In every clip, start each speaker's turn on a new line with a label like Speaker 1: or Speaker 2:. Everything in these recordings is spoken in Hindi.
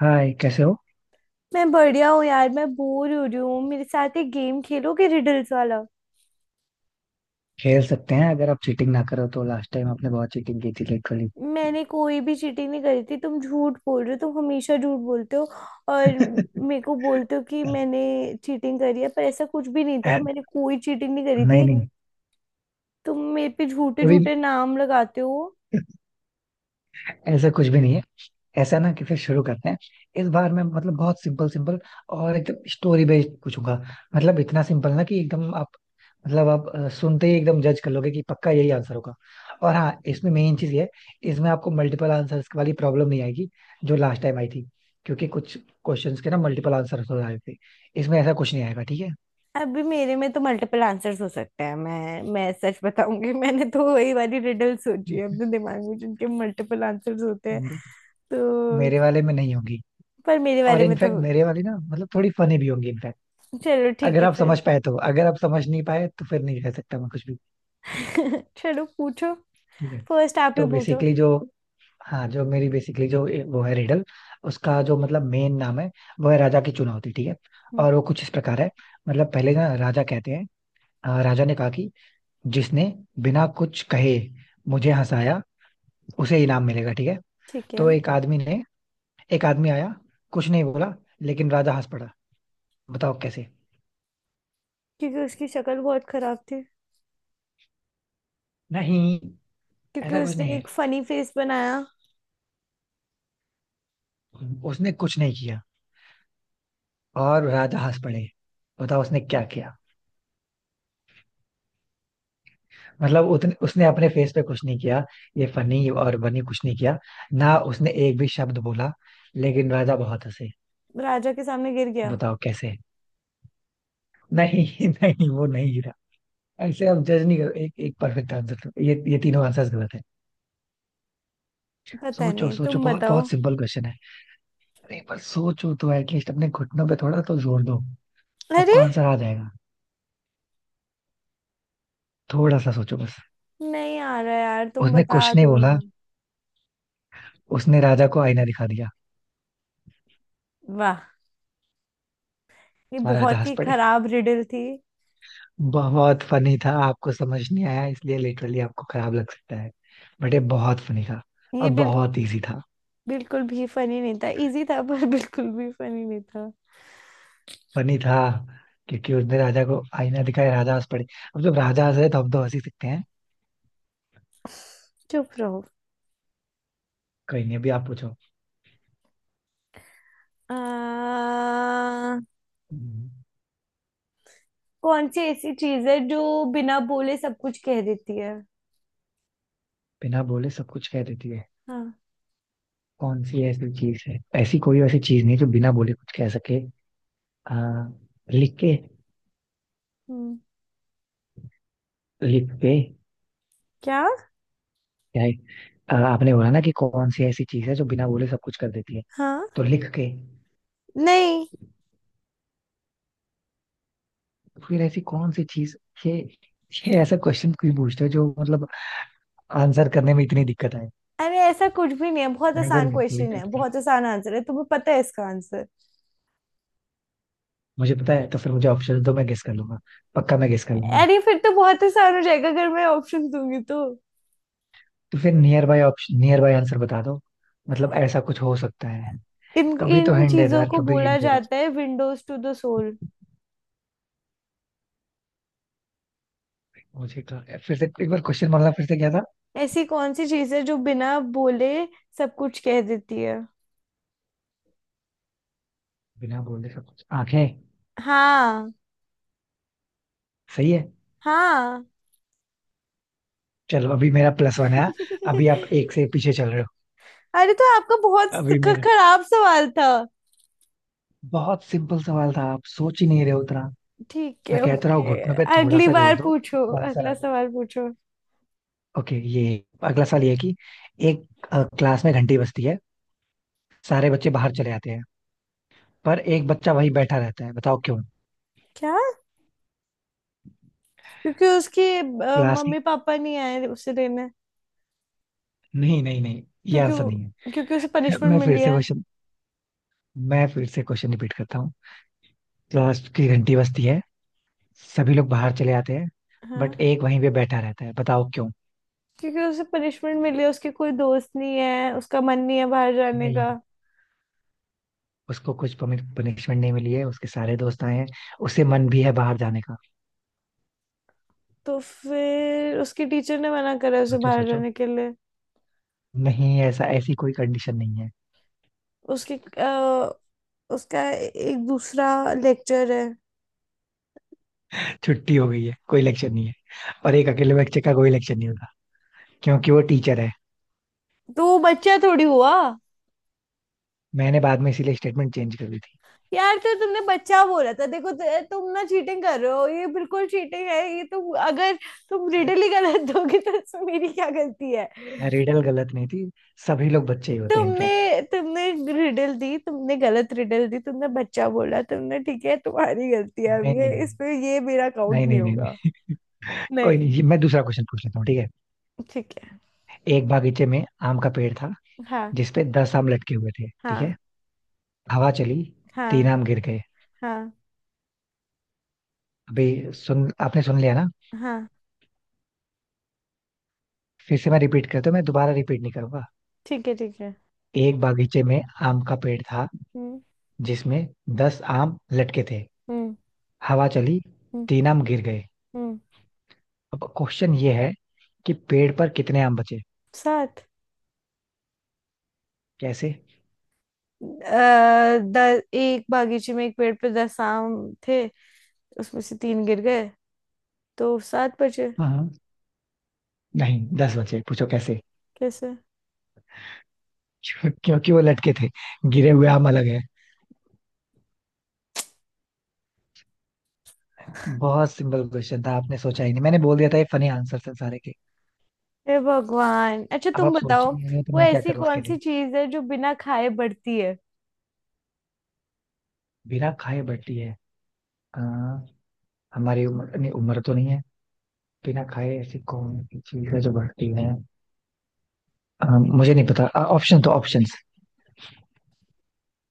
Speaker 1: हाय कैसे हो।
Speaker 2: मैं बढ़िया हूँ यार। मैं बोर हो रही हूँ, मेरे साथ एक गेम खेलोगे रिडल्स वाला?
Speaker 1: खेल सकते हैं अगर आप चीटिंग ना करो तो। लास्ट टाइम आपने बहुत चीटिंग की थी लिटरली।
Speaker 2: मैंने कोई भी चीटिंग नहीं करी थी। तुम झूठ बोल रहे हो, तुम हमेशा झूठ बोलते हो। और मेरे को बोलते हो कि मैंने चीटिंग करी है, पर ऐसा कुछ भी नहीं था। मैंने कोई चीटिंग नहीं करी
Speaker 1: नहीं
Speaker 2: थी।
Speaker 1: नहीं,
Speaker 2: तुम मेरे पे झूठे
Speaker 1: अभी
Speaker 2: झूठे नाम लगाते हो।
Speaker 1: ऐसा कुछ भी नहीं है। ऐसा ना कि फिर शुरू करते हैं। इस बार मैं मतलब बहुत सिंपल सिंपल और एकदम स्टोरी बेस्ड पूछूंगा। मतलब इतना सिंपल ना कि एकदम आप मतलब आप सुनते ही एकदम जज कर लोगे कि पक्का यही आंसर होगा। और हाँ, इसमें मेन चीज ये है, इसमें आपको मल्टीपल आंसर्स वाली प्रॉब्लम नहीं आएगी जो लास्ट टाइम आई थी, क्योंकि कुछ क्वेश्चंस के ना मल्टीपल आंसर हो रहे थे। इसमें ऐसा कुछ नहीं आएगा ठीक
Speaker 2: अभी मेरे में तो मल्टीपल आंसर्स हो सकते हैं। मैं सच बताऊंगी, मैंने तो वही वाली रिडल सोची है
Speaker 1: है।
Speaker 2: अपने दिमाग में जिनके मल्टीपल आंसर्स होते हैं।
Speaker 1: मेरे
Speaker 2: तो
Speaker 1: वाले में नहीं होगी।
Speaker 2: पर मेरे
Speaker 1: और
Speaker 2: बारे में तो।
Speaker 1: इनफैक्ट मेरे वाली ना मतलब थोड़ी फनी भी होंगी इनफैक्ट।
Speaker 2: चलो ठीक
Speaker 1: अगर
Speaker 2: है
Speaker 1: आप
Speaker 2: फिर।
Speaker 1: समझ पाए तो, अगर आप समझ नहीं पाए तो फिर नहीं कह सकता मैं कुछ भी।
Speaker 2: चलो पूछो।
Speaker 1: ठीक है।
Speaker 2: फर्स्ट आप ही
Speaker 1: तो
Speaker 2: पूछो।
Speaker 1: बेसिकली जो, हाँ, जो मेरी बेसिकली जो वो है रिडल, उसका जो मतलब मेन नाम है वो है राजा की चुनौती, ठीक है।
Speaker 2: हम्म,
Speaker 1: और वो कुछ इस प्रकार है। मतलब पहले ना राजा कहते हैं, राजा ने कहा कि जिसने बिना कुछ कहे मुझे हंसाया उसे इनाम मिलेगा, ठीक है।
Speaker 2: ठीक है।
Speaker 1: तो एक आदमी ने, एक आदमी आया, कुछ नहीं बोला, लेकिन राजा हंस पड़ा। बताओ कैसे।
Speaker 2: क्योंकि उसकी शक्ल बहुत खराब थी।
Speaker 1: नहीं,
Speaker 2: क्योंकि
Speaker 1: ऐसा कुछ नहीं
Speaker 2: उसने
Speaker 1: है।
Speaker 2: एक फनी फेस बनाया।
Speaker 1: उसने कुछ नहीं किया और राजा हंस पड़े। बताओ उसने क्या किया। मतलब उतने उसने अपने फेस पे कुछ नहीं किया, ये फनी और बनी कुछ नहीं किया, ना उसने एक भी शब्द बोला, लेकिन राजा बहुत हंसे।
Speaker 2: राजा के सामने गिर गया।
Speaker 1: बताओ कैसे। नहीं नहीं, वो नहीं गिरा। ऐसे हम जज नहीं करो, एक एक परफेक्ट आंसर, ये तीनों आंसर्स गलत है।
Speaker 2: पता
Speaker 1: सोचो
Speaker 2: नहीं,
Speaker 1: सोचो,
Speaker 2: तुम
Speaker 1: बहुत बहुत
Speaker 2: बताओ।
Speaker 1: सिंपल क्वेश्चन है। अरे पर सोचो तो एटलीस्ट, अपने घुटनों पे थोड़ा तो जोर दो,
Speaker 2: अरे
Speaker 1: आपको आंसर आ जाएगा। थोड़ा सा सोचो बस।
Speaker 2: नहीं आ रहा यार, तुम
Speaker 1: उसने
Speaker 2: बता
Speaker 1: कुछ नहीं
Speaker 2: दो
Speaker 1: बोला,
Speaker 2: ना।
Speaker 1: उसने राजा को आईना दिखा दिया
Speaker 2: वाह! ये
Speaker 1: और राजा
Speaker 2: बहुत
Speaker 1: हंस
Speaker 2: ही
Speaker 1: पड़े।
Speaker 2: खराब रिडल थी।
Speaker 1: बहुत फनी था, आपको समझ नहीं आया इसलिए लिटरली आपको खराब लग सकता है, बट ये बहुत फनी था।
Speaker 2: ये
Speaker 1: अब
Speaker 2: बिल,
Speaker 1: बहुत इजी था।
Speaker 2: बिल्कुल भी फनी नहीं था, इजी था पर बिल्कुल भी फनी नहीं था।
Speaker 1: फनी था क्योंकि उसने राजा को आईना दिखाया, राजा हंस पड़े। अब जब राजा हंस रहे तो हम तो हंस ही सकते हैं।
Speaker 2: चुप रहो।
Speaker 1: कहीं नहीं, अभी आप पूछो।
Speaker 2: आ,
Speaker 1: हम्म।
Speaker 2: कौन सी ऐसी चीज है जो बिना बोले सब कुछ कह देती है?
Speaker 1: बिना बोले सब कुछ कह देती है।
Speaker 2: हाँ।
Speaker 1: कौन सी ऐसी चीज है, ऐसी कोई ऐसी चीज नहीं जो बिना बोले कुछ कह सके। आ, लिख के।
Speaker 2: हम्म,
Speaker 1: लिख पे।
Speaker 2: क्या?
Speaker 1: यही। आपने बोला ना कि कौन सी ऐसी चीज है जो बिना बोले सब कुछ कर देती है।
Speaker 2: हाँ।
Speaker 1: तो लिख के।
Speaker 2: नहीं।
Speaker 1: फिर ऐसी कौन सी चीज। ये ये ऐसा क्वेश्चन क्यों पूछते हो जो मतलब आंसर करने में इतनी दिक्कत आए।
Speaker 2: अरे ऐसा कुछ भी नहीं है, बहुत
Speaker 1: मैं अगर
Speaker 2: आसान
Speaker 1: मुझे नहीं
Speaker 2: क्वेश्चन है,
Speaker 1: पता,
Speaker 2: बहुत आसान आंसर है। तुम्हें पता है इसका आंसर?
Speaker 1: मुझे पता है तो फिर मुझे ऑप्शन दो, मैं गेस कर लूंगा, पक्का मैं गेस कर लूंगा।
Speaker 2: अरे फिर तो बहुत आसान हो जाएगा अगर मैं ऑप्शन दूंगी तो।
Speaker 1: तो फिर nearby option, nearby answer बता दो, मतलब ऐसा कुछ हो सकता है।
Speaker 2: इन
Speaker 1: कभी तो
Speaker 2: इन
Speaker 1: हिंट दे दो
Speaker 2: चीजों
Speaker 1: यार,
Speaker 2: को
Speaker 1: कभी
Speaker 2: बोला
Speaker 1: हिंट दे दो
Speaker 2: जाता है विंडोज टू द सोल।
Speaker 1: मुझे तो। फिर से एक बार क्वेश्चन, मतलब फिर से क्या था।
Speaker 2: ऐसी कौन सी चीज है जो बिना बोले सब कुछ कह देती है?
Speaker 1: बिना बोले सब कुछ, आंखें।
Speaker 2: हाँ।
Speaker 1: सही है।
Speaker 2: हाँ।
Speaker 1: चलो अभी मेरा प्लस वन है, अभी आप एक से पीछे चल रहे हो।
Speaker 2: अरे तो आपका बहुत
Speaker 1: अभी मेरा,
Speaker 2: खराब सवाल था।
Speaker 1: बहुत सिंपल सवाल था, आप सोच ही नहीं रहे हो उतना।
Speaker 2: ठीक
Speaker 1: मैं
Speaker 2: है,
Speaker 1: कहता रहा हूँ,
Speaker 2: ओके।
Speaker 1: घुटनों पे थोड़ा
Speaker 2: अगली
Speaker 1: सा
Speaker 2: बार
Speaker 1: जोर दो,
Speaker 2: पूछो,
Speaker 1: आपका आंसर आ
Speaker 2: अगला
Speaker 1: जाए।
Speaker 2: सवाल पूछो।
Speaker 1: ओके, ये अगला सवाल ये है कि एक क्लास में घंटी बजती है, सारे बच्चे बाहर चले आते हैं, पर एक बच्चा वही बैठा रहता है, बताओ क्यों।
Speaker 2: क्या? क्योंकि उसकी
Speaker 1: क्लास की।
Speaker 2: मम्मी पापा नहीं आए उसे लेने।
Speaker 1: नहीं नहीं नहीं, ये आंसर नहीं
Speaker 2: क्योंकि उसे
Speaker 1: है।
Speaker 2: पनिशमेंट
Speaker 1: मैं फिर
Speaker 2: मिली
Speaker 1: से
Speaker 2: है।
Speaker 1: क्वेश्चन, मैं फिर से क्वेश्चन रिपीट करता हूँ। क्लास की घंटी बजती है, सभी लोग बाहर चले आते हैं,
Speaker 2: हाँ।
Speaker 1: बट एक वहीं पे बैठा रहता है, बताओ क्यों।
Speaker 2: क्योंकि उसे पनिशमेंट मिली है, उसके कोई दोस्त नहीं है, उसका मन नहीं है बाहर जाने
Speaker 1: नहीं,
Speaker 2: का।
Speaker 1: उसको कुछ पनिशमेंट नहीं मिली है, उसके सारे दोस्त आए हैं, उसे मन भी है बाहर जाने का।
Speaker 2: तो फिर उसकी टीचर ने मना करा उसे
Speaker 1: सोचो
Speaker 2: बाहर
Speaker 1: सोचो।
Speaker 2: जाने के लिए।
Speaker 1: नहीं, ऐसा ऐसी कोई कंडीशन नहीं है।
Speaker 2: उसकी अ, उसका एक दूसरा लेक्चर है।
Speaker 1: छुट्टी हो गई है, कोई इलेक्शन नहीं है, और एक अकेले बच्चे का कोई इलेक्शन नहीं होगा क्योंकि वो टीचर है।
Speaker 2: तो वो बच्चा थोड़ी हुआ।
Speaker 1: मैंने बाद में इसीलिए स्टेटमेंट चेंज कर दी थी।
Speaker 2: यार तो तुमने बच्चा बोला था, देखो तुम ना चीटिंग कर रहे हो। ये बिल्कुल चीटिंग है, ये तुम अगर तुम रिडल ही गलत दोगे तो इसमें मेरी क्या गलती है?
Speaker 1: रिडल गलत नहीं थी, सभी लोग बच्चे ही होते हैं इनफैक्ट।
Speaker 2: तुमने तुमने रिडल दी, तुमने गलत रिडल दी, तुमने बच्चा बोला, तुमने ठीक है, तुम्हारी गलती है। अब
Speaker 1: नहीं
Speaker 2: ये
Speaker 1: नहीं
Speaker 2: इस पे ये मेरा काउंट
Speaker 1: नहीं
Speaker 2: नहीं
Speaker 1: नहीं, नहीं
Speaker 2: होगा।
Speaker 1: नहीं। कोई
Speaker 2: नहीं।
Speaker 1: नहीं, ये मैं दूसरा क्वेश्चन पूछ लेता हूँ, ठीक है।
Speaker 2: ठीक है।
Speaker 1: एक बागीचे में आम का पेड़ था
Speaker 2: हाँ।
Speaker 1: जिसपे दस आम लटके हुए थे, ठीक
Speaker 2: हाँ।
Speaker 1: है। हवा चली, तीन
Speaker 2: हाँ।
Speaker 1: आम गिर गए।
Speaker 2: हाँ।
Speaker 1: अभी, सुन आपने सुन लिया ना।
Speaker 2: हाँ।
Speaker 1: फिर से मैं रिपीट करता हूँ, मैं दोबारा रिपीट नहीं करूंगा।
Speaker 2: ठीक है, ठीक है।
Speaker 1: एक बागीचे में आम का पेड़ था,
Speaker 2: हम्म।
Speaker 1: जिसमें दस आम लटके थे।
Speaker 2: हम्म।
Speaker 1: हवा चली,
Speaker 2: हम्म।
Speaker 1: तीन आम गिर गए।
Speaker 2: हम्म।
Speaker 1: अब क्वेश्चन ये है कि पेड़ पर कितने आम बचे।
Speaker 2: सात।
Speaker 1: कैसे।
Speaker 2: अ, द एक बागीचे में एक पेड़ पे 10 आम थे, उसमें से 3 गिर गए, तो सात बचे।
Speaker 1: हाँ हाँ, नहीं दस बचे, पूछो कैसे।
Speaker 2: कैसे?
Speaker 1: क्योंकि वो लटके थे, गिरे हुए आम अलग है। बहुत सिंपल क्वेश्चन था, आपने सोचा ही नहीं, मैंने बोल दिया था ये फनी आंसर थे सारे के।
Speaker 2: हे भगवान, अच्छा
Speaker 1: अब
Speaker 2: तुम
Speaker 1: आप सोच
Speaker 2: बताओ।
Speaker 1: ही नहीं रहे हो तो
Speaker 2: वो
Speaker 1: मैं क्या
Speaker 2: ऐसी
Speaker 1: करूं उसके
Speaker 2: कौन सी
Speaker 1: लिए।
Speaker 2: चीज है जो बिना खाए बढ़ती है?
Speaker 1: बिना खाए बटी है। आ, हमारी उम्र, नहीं उम्र तो नहीं है। बिना खाए ऐसी कौन सी चीज है जो बढ़ती है। मुझे नहीं पता। ऑप्शन तो ऑप्शंस,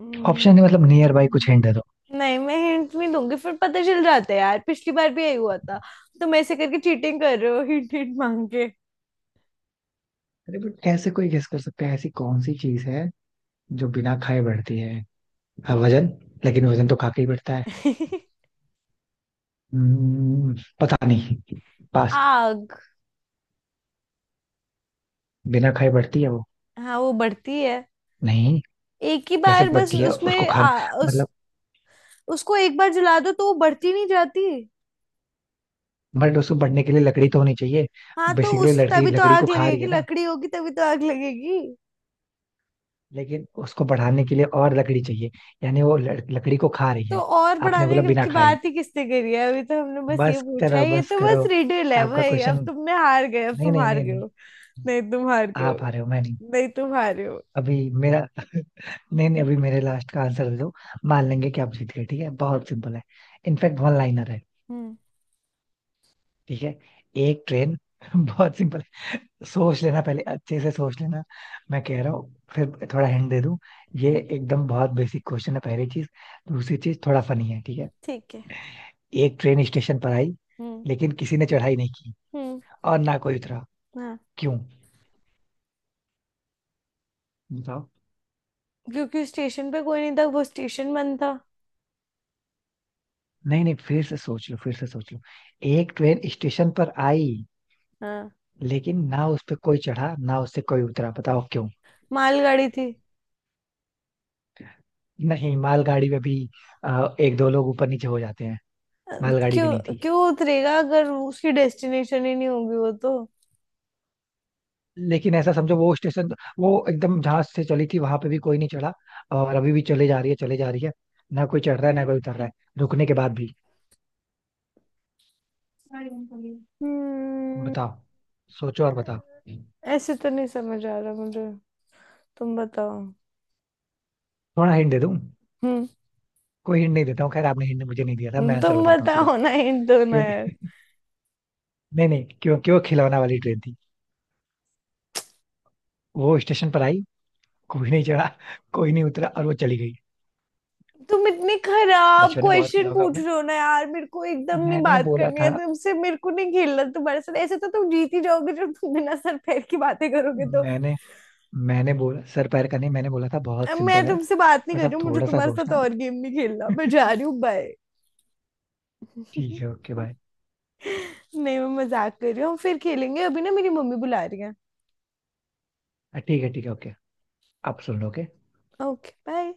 Speaker 2: हम्म,
Speaker 1: ऑप्शन मतलब नियर बाई कुछ हिंट दे दो।
Speaker 2: नहीं, मैं हिंट नहीं दूंगी, फिर पता चल जाता है यार, पिछली बार भी यही हुआ था। तुम ऐसे करके चीटिंग कर रहे हो, हिंट हिंट मांग के।
Speaker 1: अरे बट ऐसे कोई गेस कर सकता है ऐसी कौन सी चीज है जो बिना खाए बढ़ती है। हाँ, वजन। लेकिन वजन तो खा के ही बढ़ता है। हम्म, पता नहीं। पास।
Speaker 2: आग।
Speaker 1: बिना खाए बढ़ती है वो।
Speaker 2: हाँ वो बढ़ती है।
Speaker 1: नहीं।
Speaker 2: एक ही
Speaker 1: कैसे
Speaker 2: बार बस
Speaker 1: बढ़ती है उसको
Speaker 2: उसमें
Speaker 1: खाने,
Speaker 2: आ, उस
Speaker 1: मतलब।
Speaker 2: उसको एक बार जला दो तो वो बढ़ती नहीं जाती।
Speaker 1: बट उसको बढ़ने के लिए लकड़ी तो होनी चाहिए।
Speaker 2: हाँ तो
Speaker 1: बेसिकली
Speaker 2: उस
Speaker 1: लड़की
Speaker 2: तभी तो
Speaker 1: लकड़ी को
Speaker 2: आग
Speaker 1: खा रही
Speaker 2: लगेगी,
Speaker 1: है ना।
Speaker 2: लकड़ी होगी तभी तो आग लगेगी।
Speaker 1: लेकिन उसको बढ़ाने के लिए और लकड़ी चाहिए, यानी वो लकड़ी को खा रही
Speaker 2: तो
Speaker 1: है।
Speaker 2: और
Speaker 1: आपने बोला
Speaker 2: बढ़ाने
Speaker 1: बिना
Speaker 2: की
Speaker 1: खाए।
Speaker 2: बात ही किसने करी है? अभी तो हमने बस ये
Speaker 1: बस
Speaker 2: पूछा
Speaker 1: करो,
Speaker 2: है, ये
Speaker 1: बस
Speaker 2: तो
Speaker 1: करो।
Speaker 2: बस रिडल है
Speaker 1: आपका
Speaker 2: भाई। अब
Speaker 1: क्वेश्चन,
Speaker 2: तुमने हार गए, अब
Speaker 1: नहीं
Speaker 2: तुम
Speaker 1: नहीं
Speaker 2: हार
Speaker 1: नहीं
Speaker 2: गए
Speaker 1: नहीं,
Speaker 2: हो। नहीं, तुम हार गए हो।
Speaker 1: आप आ रहे हो, मैं नहीं।
Speaker 2: नहीं, तुम हारे हो।
Speaker 1: अभी मेरा, नहीं नहीं, अभी मेरे लास्ट का आंसर दे दो, मान लेंगे कि आप जीत गए, ठीक है। बहुत सिंपल है, इनफैक्ट वन लाइनर है।
Speaker 2: हम्म।
Speaker 1: ठीक है। एक ट्रेन बहुत सिंपल है, सोच लेना पहले अच्छे से सोच लेना। मैं कह रहा हूँ फिर थोड़ा हिंट दे दूं। ये
Speaker 2: हम्म,
Speaker 1: एकदम बहुत बेसिक क्वेश्चन है पहली चीज, दूसरी चीज थोड़ा फनी है, ठीक है।
Speaker 2: ठीक है।
Speaker 1: एक ट्रेन स्टेशन पर आई,
Speaker 2: हम्म।
Speaker 1: लेकिन किसी ने चढ़ाई नहीं की
Speaker 2: हम्म।
Speaker 1: और ना कोई उतरा।
Speaker 2: हाँ।
Speaker 1: क्यों, बताओ।
Speaker 2: क्योंकि स्टेशन पे कोई नहीं था, वो स्टेशन बंद था।
Speaker 1: नहीं नहीं, फिर से सोच लो, फिर से सोच लो। एक ट्रेन स्टेशन पर आई,
Speaker 2: हाँ
Speaker 1: लेकिन ना उस पे कोई चढ़ा, ना उससे कोई उतरा, बताओ क्यों।
Speaker 2: मालगाड़ी थी।
Speaker 1: नहीं, मालगाड़ी में भी एक दो लोग ऊपर नीचे हो जाते हैं,
Speaker 2: अ,
Speaker 1: मालगाड़ी भी नहीं
Speaker 2: क्यों?
Speaker 1: थी।
Speaker 2: क्यों उतरेगा अगर उसकी डेस्टिनेशन ही नहीं होगी वो तो।
Speaker 1: लेकिन ऐसा समझो वो स्टेशन, वो एकदम जहां से चली थी वहां पे भी कोई नहीं चढ़ा, और अभी भी चले जा रही है, चले जा रही है, ना कोई चढ़ रहा है ना कोई उतर रहा है, रुकने के बाद भी।
Speaker 2: हम्म।
Speaker 1: बताओ, सोचो और बताओ।
Speaker 2: ऐसे तो नहीं समझ आ रहा मुझे, तुम बताओ।
Speaker 1: थोड़ा हिंट दे दूं,
Speaker 2: हम्म।
Speaker 1: कोई हिंट नहीं देता हूँ, खैर आपने हिंट मुझे नहीं दिया था, मैं आंसर
Speaker 2: तुम
Speaker 1: बताता हूँ सीधा।
Speaker 2: बताओ ना, हिंट दो ना यार।
Speaker 1: क्योंकि, नहीं नहीं, क्योंकि वो खिलौना वाली ट्रेन थी। वो स्टेशन पर आई, कोई नहीं चढ़ा, कोई नहीं उतरा, और वो चली गई।
Speaker 2: तुम इतने खराब
Speaker 1: बचपन में बहुत
Speaker 2: क्वेश्चन
Speaker 1: खेला होगा
Speaker 2: पूछ
Speaker 1: आपने।
Speaker 2: रहे हो ना यार, मेरे को एकदम नहीं
Speaker 1: मैंने
Speaker 2: बात
Speaker 1: बोला
Speaker 2: करनी है
Speaker 1: था,
Speaker 2: तुमसे, मेरे को नहीं खेलना तुम्हारे साथ। ऐसे तो तुम जीत ही जाओगे जब तुम बिना सर पैर की बातें करोगे तो।
Speaker 1: मैंने मैंने बोला सर पैर का नहीं, मैंने बोला था बहुत
Speaker 2: अब मैं
Speaker 1: सिंपल है।
Speaker 2: तुमसे बात नहीं
Speaker 1: बस
Speaker 2: कर रही
Speaker 1: आप
Speaker 2: हूँ, मुझे
Speaker 1: थोड़ा सा
Speaker 2: तुम्हारे साथ
Speaker 1: सोचना।
Speaker 2: और गेम नहीं खेलना, मैं जा रही हूँ, बाय।
Speaker 1: ठीक है, ओके बाय।
Speaker 2: नहीं, मैं मजाक कर रही हूँ। हम फिर खेलेंगे, अभी ना मेरी मम्मी बुला रही है।
Speaker 1: ठीक है ठीक है, ओके। आप सुन लो, okay?
Speaker 2: Okay bye.